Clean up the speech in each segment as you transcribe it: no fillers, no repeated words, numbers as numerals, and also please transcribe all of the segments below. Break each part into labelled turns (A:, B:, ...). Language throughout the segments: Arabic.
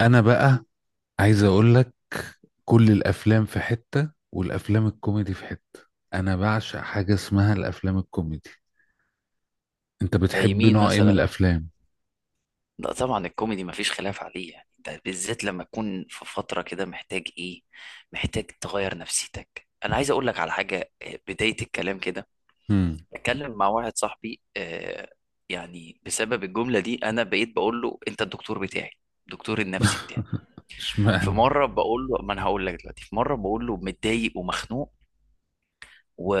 A: انا بقى عايز اقول لك، كل الافلام في حتة والافلام الكوميدي في حتة. انا بعشق حاجة اسمها الافلام الكوميدي. انت
B: زي
A: بتحب
B: مين
A: نوع ايه من
B: مثلا؟
A: الافلام؟
B: لا طبعا الكوميدي مفيش خلاف عليه. يعني انت بالذات لما تكون في فترة كده محتاج ايه؟ محتاج تغير نفسيتك. انا عايز اقول لك على حاجة، بداية الكلام كده
A: امم.
B: اتكلم مع واحد صاحبي، يعني بسبب الجملة دي انا بقيت بقول له انت الدكتور بتاعي، الدكتور النفسي بتاعي. في
A: اشمعنى؟
B: مرة بقول له، ما انا هقول لك دلوقتي، في مرة بقول له متضايق ومخنوق و...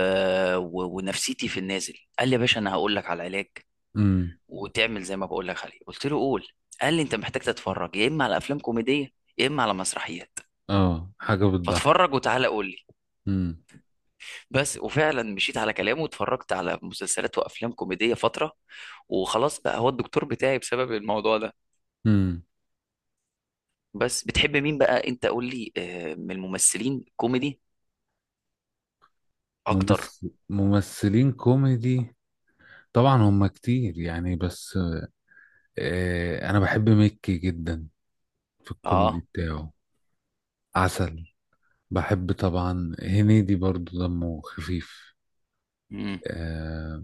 B: ونفسيتي في النازل. قال لي يا باشا انا هقول لك على علاج
A: امم.
B: وتعمل زي ما بقول لك عليه. قلت له قول. قال لي انت محتاج تتفرج يا اما على افلام كوميديه يا اما على مسرحيات،
A: اه، حاجة بتضحك.
B: فاتفرج وتعالى قول لي.
A: امم.
B: بس وفعلا مشيت على كلامه واتفرجت على مسلسلات وافلام كوميديه فتره، وخلاص بقى هو الدكتور بتاعي بسبب الموضوع ده.
A: امم.
B: بس بتحب مين بقى انت؟ قول لي من الممثلين كوميدي اكتر.
A: ممثلين كوميدي، طبعا هم كتير يعني، بس انا بحب مكي جدا في الكوميدي
B: اه.
A: بتاعه. عسل. بحب طبعا هنيدي برضو، دمه خفيف.
B: امم
A: آه،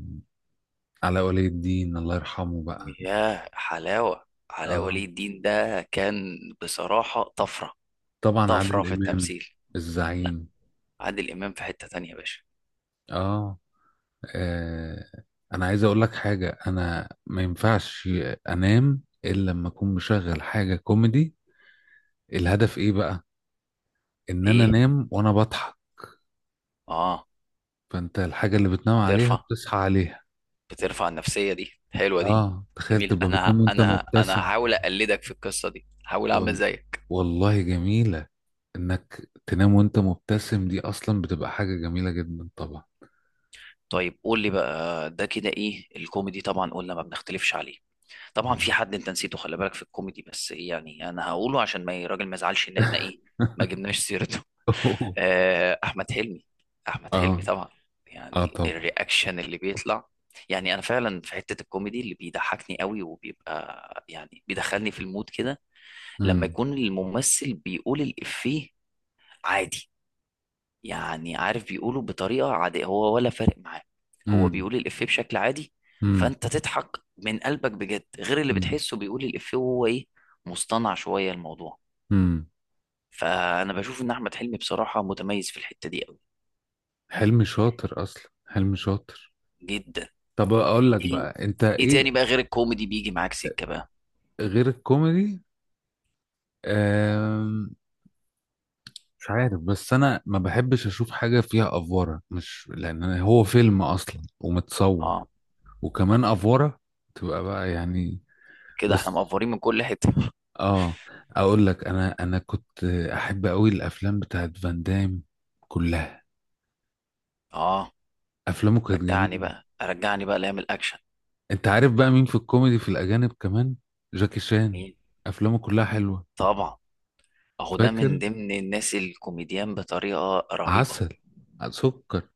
A: على ولي الدين الله يرحمه بقى.
B: يا حلاوه، علاء
A: اه،
B: ولي الدين ده كان بصراحه طفره.
A: طبعا
B: طفره
A: عادل
B: في
A: امام،
B: التمثيل. لا،
A: الزعيم.
B: عادل امام في حته تانية يا باشا.
A: اه. آه. انا عايز اقول لك حاجه، انا ما ينفعش انام الا لما اكون مشغل حاجه كوميدي. الهدف ايه بقى؟ ان انا
B: ايه.
A: انام وانا بضحك.
B: اه.
A: فانت الحاجه اللي بتنام عليها
B: بترفع
A: بتصحى عليها.
B: بترفع النفسية، دي حلوة دي.
A: اه، تخيل
B: جميل.
A: تبقى بتنام
B: انا
A: وانت
B: انا انا
A: مبتسم
B: هحاول
A: كده.
B: اقلدك في القصة دي، هحاول اعمل
A: وال...
B: زيك.
A: والله جميله، انك تنام وانت مبتسم دي اصلا بتبقى حاجه جميله جدا طبعا.
B: طيب قول لي بقى، ده كده ايه؟ الكوميدي طبعا قلنا ما بنختلفش عليه. طبعا في حد انت نسيته، خلي بالك في الكوميدي، بس إيه يعني، انا هقوله عشان ما الراجل ما يزعلش ان احنا ايه، ما جبناش سيرته. احمد حلمي. احمد حلمي
A: اه،
B: طبعا.
A: اه،
B: يعني
A: طبعا.
B: الرياكشن اللي بيطلع، يعني انا فعلا في حتة الكوميدي اللي بيضحكني قوي، وبيبقى يعني بيدخلني في المود كده لما
A: امم.
B: يكون الممثل بيقول الإفيه عادي. يعني عارف بيقوله بطريقة عادية هو، ولا فارق معاه. هو
A: امم.
B: بيقول الإفيه بشكل عادي،
A: امم.
B: فأنت تضحك من قلبك بجد، غير اللي
A: امم.
B: بتحسه بيقول الإفيه وهو إيه، مصطنع شوية الموضوع.
A: أمم.
B: فأنا بشوف إن أحمد حلمي بصراحة متميز في الحتة دي أوي.
A: حلمي شاطر اصلا، حلمي شاطر
B: جدا.
A: طب اقول لك
B: إيه.
A: بقى انت
B: إيه
A: ايه؟
B: تاني بقى غير الكوميدي بيجي معاك سكة بقى؟
A: غير الكوميدي، آم، مش عارف، بس انا ما بحبش اشوف حاجه فيها افوره. مش لان أنا- هو فيلم اصلا ومتصور،
B: آه.
A: وكمان افوره، تبقى بقى يعني.
B: كده إحنا
A: بس.
B: مقفورين من كل حتة.
A: اه. اقول لك، انا كنت احب قوي الافلام بتاعت فان دام كلها.
B: آه.
A: افلامه كانت
B: رجعني
A: جميله.
B: بقى، رجعني بقى لأيام الأكشن.
A: انت عارف بقى مين في الكوميدي في الاجانب كمان؟ جاكي شان،
B: مين؟
A: افلامه كلها حلوه.
B: طبعا، اهو ده من
A: فاكر.
B: ضمن الناس الكوميديان بطريقه رهيبه.
A: عسل. سكر.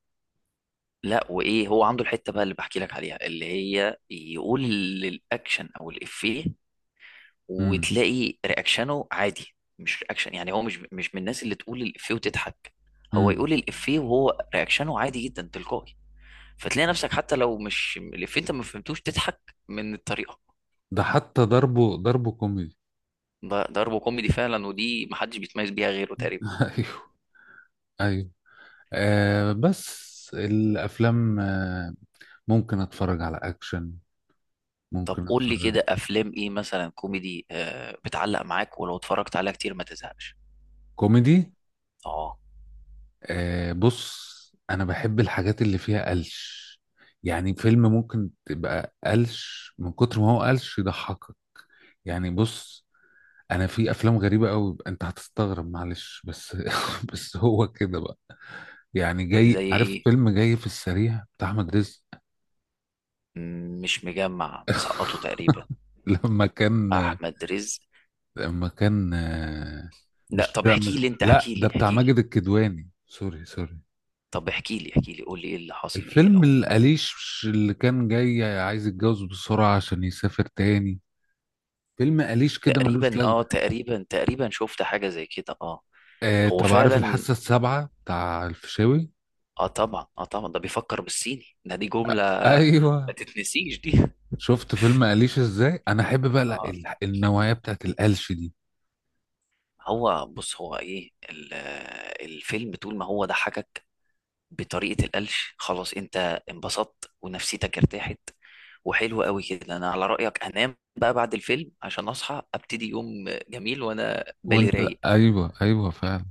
B: لا وايه، هو عنده الحته بقى اللي بحكي لك عليها، اللي هي يقول الاكشن او الافيه
A: امم.
B: وتلاقي رياكشنه عادي، مش رياكشن. يعني هو مش من الناس اللي تقول الافيه وتضحك، هو
A: امم.
B: يقول الافيه وهو رياكشنه عادي جدا، تلقائي. فتلاقي نفسك حتى لو مش الافيه، انت ما فهمتوش تضحك من الطريقه.
A: ده حتى ضربه، ضربه كوميدي.
B: ده ضرب كوميدي فعلا، ودي محدش بيتميز بيها غيره تقريبا.
A: ايوه، ايوه. بس الافلام، ممكن اتفرج على اكشن،
B: طب
A: ممكن
B: قول لي
A: اتفرج.
B: كده افلام ايه مثلا كوميدي بتعلق معاك، ولو اتفرجت عليها كتير ما تزهقش؟
A: كوميدي؟
B: اه.
A: بص، انا بحب الحاجات اللي فيها قلش. يعني فيلم ممكن تبقى قلش من كتر ما هو قلش يضحكك. يعني بص، انا في افلام غريبه قوي، انت هتستغرب، معلش بس بس هو كده بقى. يعني جاي
B: زي
A: عارف
B: ايه؟
A: فيلم جاي في السريع بتاع احمد رزق؟
B: مش مجمع مسقطه تقريبا؟
A: لما كان،
B: احمد رزق.
A: لما كان آه،
B: لا،
A: مش،
B: طب
A: لا،
B: احكي
A: مش،
B: لي انت،
A: لا،
B: احكي
A: ده
B: لي
A: بتاع
B: احكي لي
A: ماجد الكدواني. سوري، سوري.
B: طب احكي لي قول لي ايه اللي حاصل فيه
A: الفيلم
B: او...
A: القليش اللي كان جاي عايز يتجوز بسرعه عشان يسافر تاني. فيلم قليش كده ملوش
B: تقريبا اه،
A: لازمه.
B: تقريبا، تقريبا شفت حاجة زي كده اه. هو
A: طب عارف
B: فعلا.
A: الحاسه السابعه بتاع الفيشاوي؟
B: اه طبعا. اه طبعا، ده بيفكر بالصيني، ده دي جملة
A: ايوه.
B: ما تتنسيش دي.
A: شفت فيلم أليش ازاي؟ انا احب بقى
B: اه.
A: النوعية بتاعت القلش دي.
B: هو بص، هو ايه الفيلم طول ما هو ضحكك بطريقة القلش، خلاص انت انبسطت ونفسيتك ارتاحت، وحلو قوي كده. انا على رأيك انام بقى بعد الفيلم عشان اصحى ابتدي يوم جميل وانا بالي
A: وانت.
B: رايق.
A: ايوه، ايوه فعلا.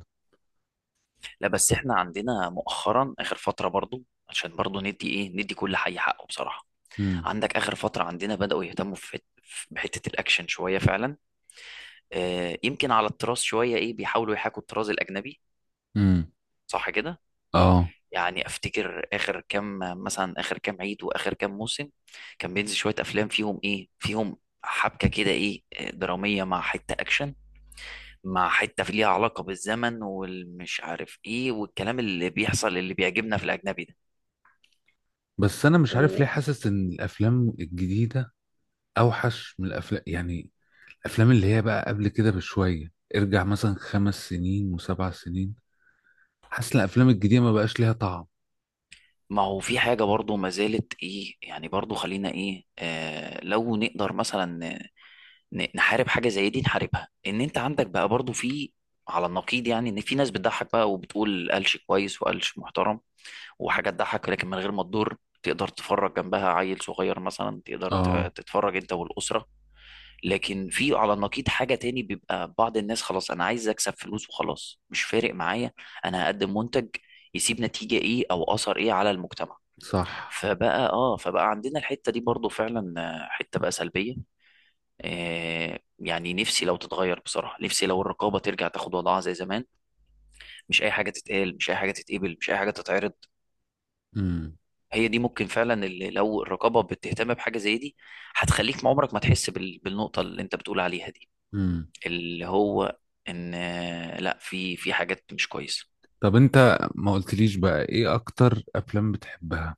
B: لا بس احنا عندنا مؤخرا، اخر فترة برضو، عشان برضو ندي ايه، ندي كل حي حقه بصراحة.
A: امم.
B: عندك اخر فترة عندنا بدأوا يهتموا في بحتة الاكشن شوية فعلا. يمكن على الطراز شوية ايه، بيحاولوا يحاكوا الطراز الاجنبي،
A: امم.
B: صح كده؟
A: اه،
B: يعني افتكر اخر كام، مثلا اخر كام عيد واخر كام موسم، كان بينزل شويه افلام فيهم ايه، فيهم حبكه كده ايه، دراميه مع حته اكشن، مع حته في ليها علاقه بالزمن والمش عارف ايه، والكلام اللي بيحصل اللي بيعجبنا في الاجنبي ده.
A: بس انا مش عارف
B: وما
A: ليه حاسس ان الافلام الجديدة اوحش من الافلام يعني. الافلام اللي هي بقى قبل كده بشوية، ارجع مثلا 5 سنين وسبع سنين، حاسس ان الافلام الجديدة ما بقاش ليها طعم.
B: هو في حاجه برضو ما زالت ايه يعني، برضو خلينا ايه، لو نقدر مثلا نحارب حاجه زي دي نحاربها. ان انت عندك بقى برضو في على النقيض يعني، ان في ناس بتضحك بقى وبتقول قالش كويس وقالش محترم، وحاجة تضحك لكن من غير ما تضر، تقدر تتفرج جنبها عيل صغير مثلا، تقدر
A: اه.
B: تتفرج انت والأسرة. لكن في على النقيض حاجة تاني، بيبقى بعض الناس خلاص انا عايز اكسب فلوس وخلاص، مش فارق معايا، انا هقدم منتج يسيب نتيجة ايه او اثر ايه على المجتمع.
A: صح.
B: فبقى اه، فبقى عندنا الحتة دي برضو فعلا، حتة بقى سلبية. يعني نفسي لو تتغير بصراحة، نفسي لو الرقابة ترجع تاخد وضعها زي زمان. مش اي حاجة تتقال، مش اي حاجة تتقبل، مش اي حاجة تتعرض.
A: امم.
B: هي دي ممكن فعلا، اللي لو الرقابه بتهتم بحاجه زي دي هتخليك ما عمرك ما تحس بالنقطه اللي انت بتقول عليها دي،
A: امم.
B: اللي هو ان لا، في حاجات مش كويسه.
A: طب انت ما قلتليش بقى ايه اكتر افلام بتحبها؟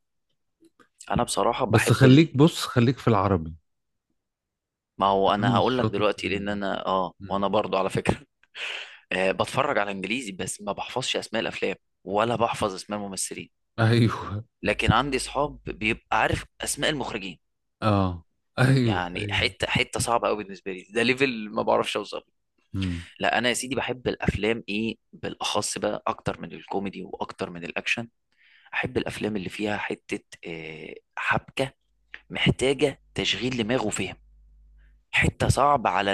B: انا بصراحه
A: بس
B: بحب
A: خليك، بص خليك في العربي.
B: ما هو
A: انا
B: انا
A: مش
B: هقول لك
A: شاطر في
B: دلوقتي، لان
A: ال-
B: انا اه، وانا
A: مم.
B: برضو على فكره. بتفرج على انجليزي بس ما بحفظش اسماء الافلام ولا بحفظ اسماء الممثلين.
A: ايوه.
B: لكن عندي اصحاب بيبقى عارف اسماء المخرجين.
A: اه. ايوه،
B: يعني
A: ايوه.
B: حته صعبه قوي بالنسبه لي، ده ليفل ما بعرفش اوصل.
A: مم.
B: لا انا يا سيدي بحب الافلام ايه بالاخص بقى، اكتر من الكوميدي واكتر من الاكشن، احب الافلام اللي فيها حته حبكه محتاجه تشغيل دماغ وفهم، حته صعب على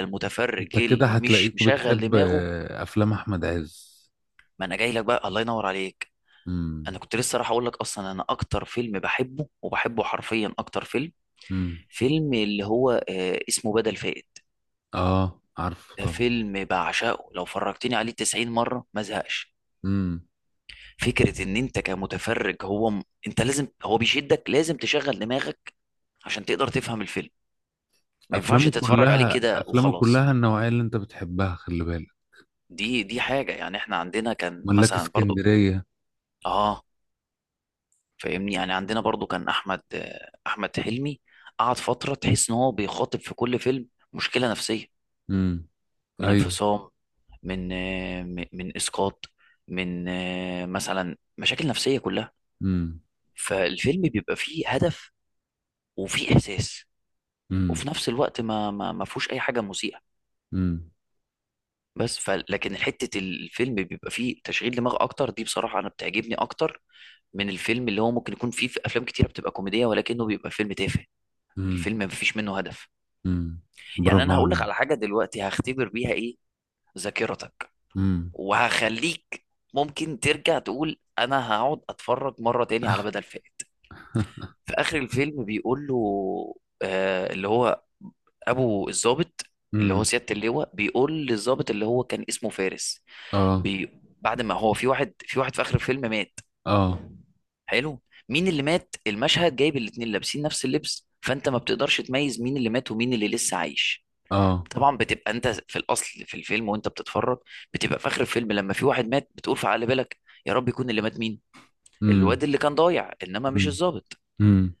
A: انت
B: المتفرج
A: كده
B: اللي مش
A: هتلاقيك
B: مشغل
A: بتحب
B: دماغه.
A: افلام احمد عز.
B: ما انا جاي لك بقى، الله ينور عليك.
A: مم.
B: انا كنت لسه راح اقول لك، اصلا انا اكتر فيلم بحبه، وبحبه حرفيا اكتر فيلم،
A: مم.
B: فيلم اللي هو اسمه بدل فائت.
A: اه، عارفه
B: ده
A: طبعا.
B: فيلم بعشقه، لو فرجتني عليه 90 مره ما زهقش.
A: مم.
B: فكره ان انت كمتفرج هو انت لازم، هو بيشدك، لازم تشغل دماغك عشان تقدر تفهم الفيلم، ما ينفعش
A: افلامه
B: تتفرج عليه
A: كلها
B: كده
A: افلامه
B: وخلاص.
A: كلها النوعيه اللي انت بتحبها، خلي بالك.
B: دي حاجه يعني. احنا عندنا كان
A: ملاك
B: مثلا برضو
A: اسكندريه.
B: اه، فاهمني، يعني عندنا برضو كان احمد، احمد حلمي قعد فتره تحس ان هو بيخاطب في كل فيلم مشكله نفسيه،
A: مم.
B: من
A: ايوه.
B: انفصام، من من اسقاط، من مثلا مشاكل نفسيه كلها.
A: مم.
B: فالفيلم بيبقى فيه هدف وفيه احساس،
A: مم.
B: وفي نفس الوقت ما فيهوش اي حاجه مسيئه.
A: مم.
B: بس ف لكن حته الفيلم بيبقى فيه تشغيل دماغ اكتر، دي بصراحه انا بتعجبني اكتر من الفيلم اللي هو ممكن يكون فيه، في افلام كتيره بتبقى كوميديه ولكنه بيبقى فيلم تافه،
A: مم.
B: الفيلم مفيش منه هدف.
A: مم.
B: يعني
A: برافو
B: انا هقول لك
A: عليك.
B: على حاجه دلوقتي هختبر بيها ايه، ذاكرتك.
A: مم.
B: وهخليك ممكن ترجع تقول انا هقعد اتفرج مره تاني على بدل فائت. في اخر الفيلم بيقول له، اللي هو ابو الضابط، اللي هو
A: امم.
B: سياده اللواء بيقول للضابط اللي هو كان اسمه فارس،
A: اه،
B: بي... بعد ما هو في واحد، في واحد في اخر الفيلم مات.
A: اه،
B: حلو. مين اللي مات؟ المشهد جايب الاتنين لابسين نفس اللبس، فانت ما بتقدرش تميز مين اللي مات ومين اللي لسه عايش.
A: اه.
B: طبعا بتبقى انت في الاصل في الفيلم وانت بتتفرج، بتبقى في اخر الفيلم لما في واحد مات، بتقول في عقل بالك يا رب يكون اللي مات مين، الواد اللي كان ضايع انما مش الضابط.
A: امم.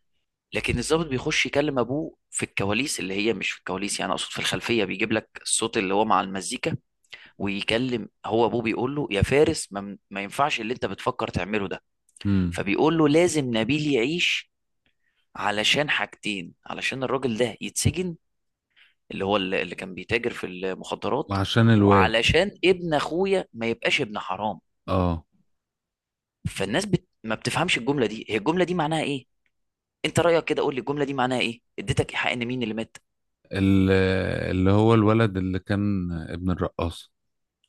B: لكن الضابط بيخش يكلم ابوه في الكواليس، اللي هي مش في الكواليس يعني، اقصد في الخلفيه بيجيب لك الصوت اللي هو مع المزيكا، ويكلم هو ابوه، بيقول له يا فارس ما ينفعش اللي انت بتفكر تعمله ده.
A: امم.
B: فبيقول له لازم نبيل يعيش، علشان حاجتين، علشان الراجل ده يتسجن، اللي هو اللي كان بيتاجر في المخدرات،
A: وعشان الواد.
B: وعلشان ابن اخويا ما يبقاش ابن حرام.
A: اه.
B: فالناس ما بتفهمش الجمله دي، هي الجمله دي معناها ايه؟ انت رايك كده، قول لي الجمله دي معناها ايه، اديتك ايحاء ان مين اللي مات؟
A: ال- اللي هو الولد اللي كان ابن الرقاصة.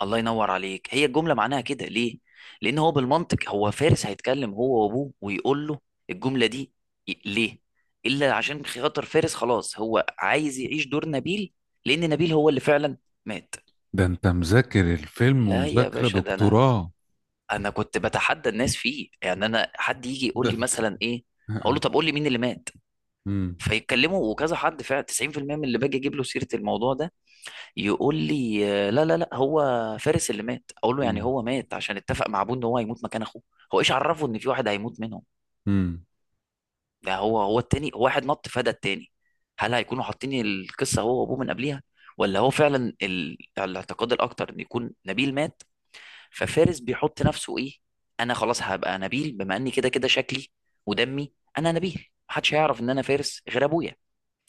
B: الله ينور عليك. هي الجمله معناها كده ليه؟ لان هو بالمنطق، هو فارس هيتكلم هو وابوه ويقول له الجمله دي ليه؟ الا عشان خاطر فارس خلاص هو عايز يعيش دور نبيل، لان نبيل هو اللي فعلا مات.
A: ده انت مذاكر الفيلم
B: لا يا
A: ومذاكرة
B: باشا، ده انا،
A: دكتوراه.
B: انا كنت بتحدى الناس فيه يعني. انا حد يجي يقول
A: ده
B: لي
A: انت.
B: مثلا ايه، اقول له طب قول لي مين اللي مات،
A: امم.
B: فيتكلموا وكذا، حد فعلا 90% من اللي باجي اجيب له سيره الموضوع ده يقول لي لا، لا، لا، هو فارس اللي مات. اقول له يعني
A: امم.
B: هو مات عشان اتفق مع ابوه ان هو هيموت مكان اخوه؟ هو ايش عرفه ان في واحد هيموت منهم؟
A: امم.
B: ده هو، هو التاني، هو واحد نط فدى التاني. هل هيكونوا حاطين القصه هو وابوه من قبليها؟ ولا هو فعلا الاعتقاد الاكتر ان يكون نبيل مات، ففارس بيحط نفسه ايه، انا خلاص هبقى نبيل، بما اني كده كده شكلي ودمي انا نبيل، محدش هيعرف ان انا فارس غير ابويا.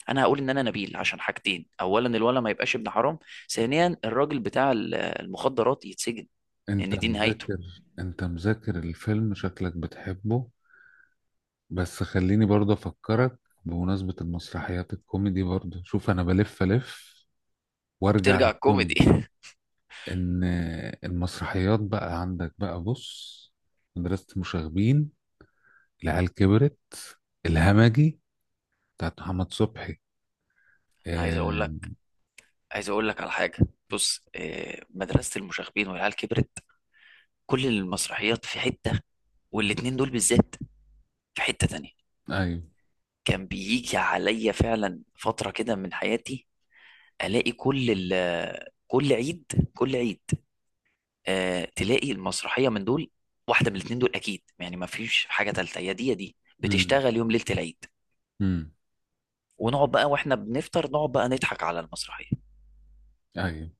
B: انا هقول ان انا نبيل عشان حاجتين، اولا الولد ما يبقاش ابن حرام، ثانيا الراجل بتاع المخدرات يتسجن،
A: انت
B: لان دي نهايته.
A: مذاكر انت مذاكر الفيلم، شكلك بتحبه. بس خليني برضه افكرك، بمناسبة المسرحيات الكوميدي برضه. شوف، انا بلف الف وارجع
B: بترجع الكوميدي؟
A: للكوميدي. ان المسرحيات بقى عندك بقى، بص: مدرسة مشاغبين، العيال كبرت، الهمجي بتاعت محمد صبحي.
B: انا عايز اقول
A: آه.
B: لك، عايز اقول لك على حاجه. بص مدرسه المشاغبين والعيال كبرت، كل المسرحيات في حته، والاتنين دول بالذات في حته تانية.
A: ايوه.
B: كان بيجي عليا فعلا فتره كده من حياتي الاقي كل كل عيد، كل عيد تلاقي المسرحيه من دول، واحده من الاثنين دول اكيد يعني، ما فيش حاجه ثالثه، يا دي يا دي
A: امم.
B: بتشتغل يوم ليله العيد.
A: امم.
B: ونقعد بقى واحنا بنفطر، نقعد بقى نضحك على المسرحيه.
A: ايوه.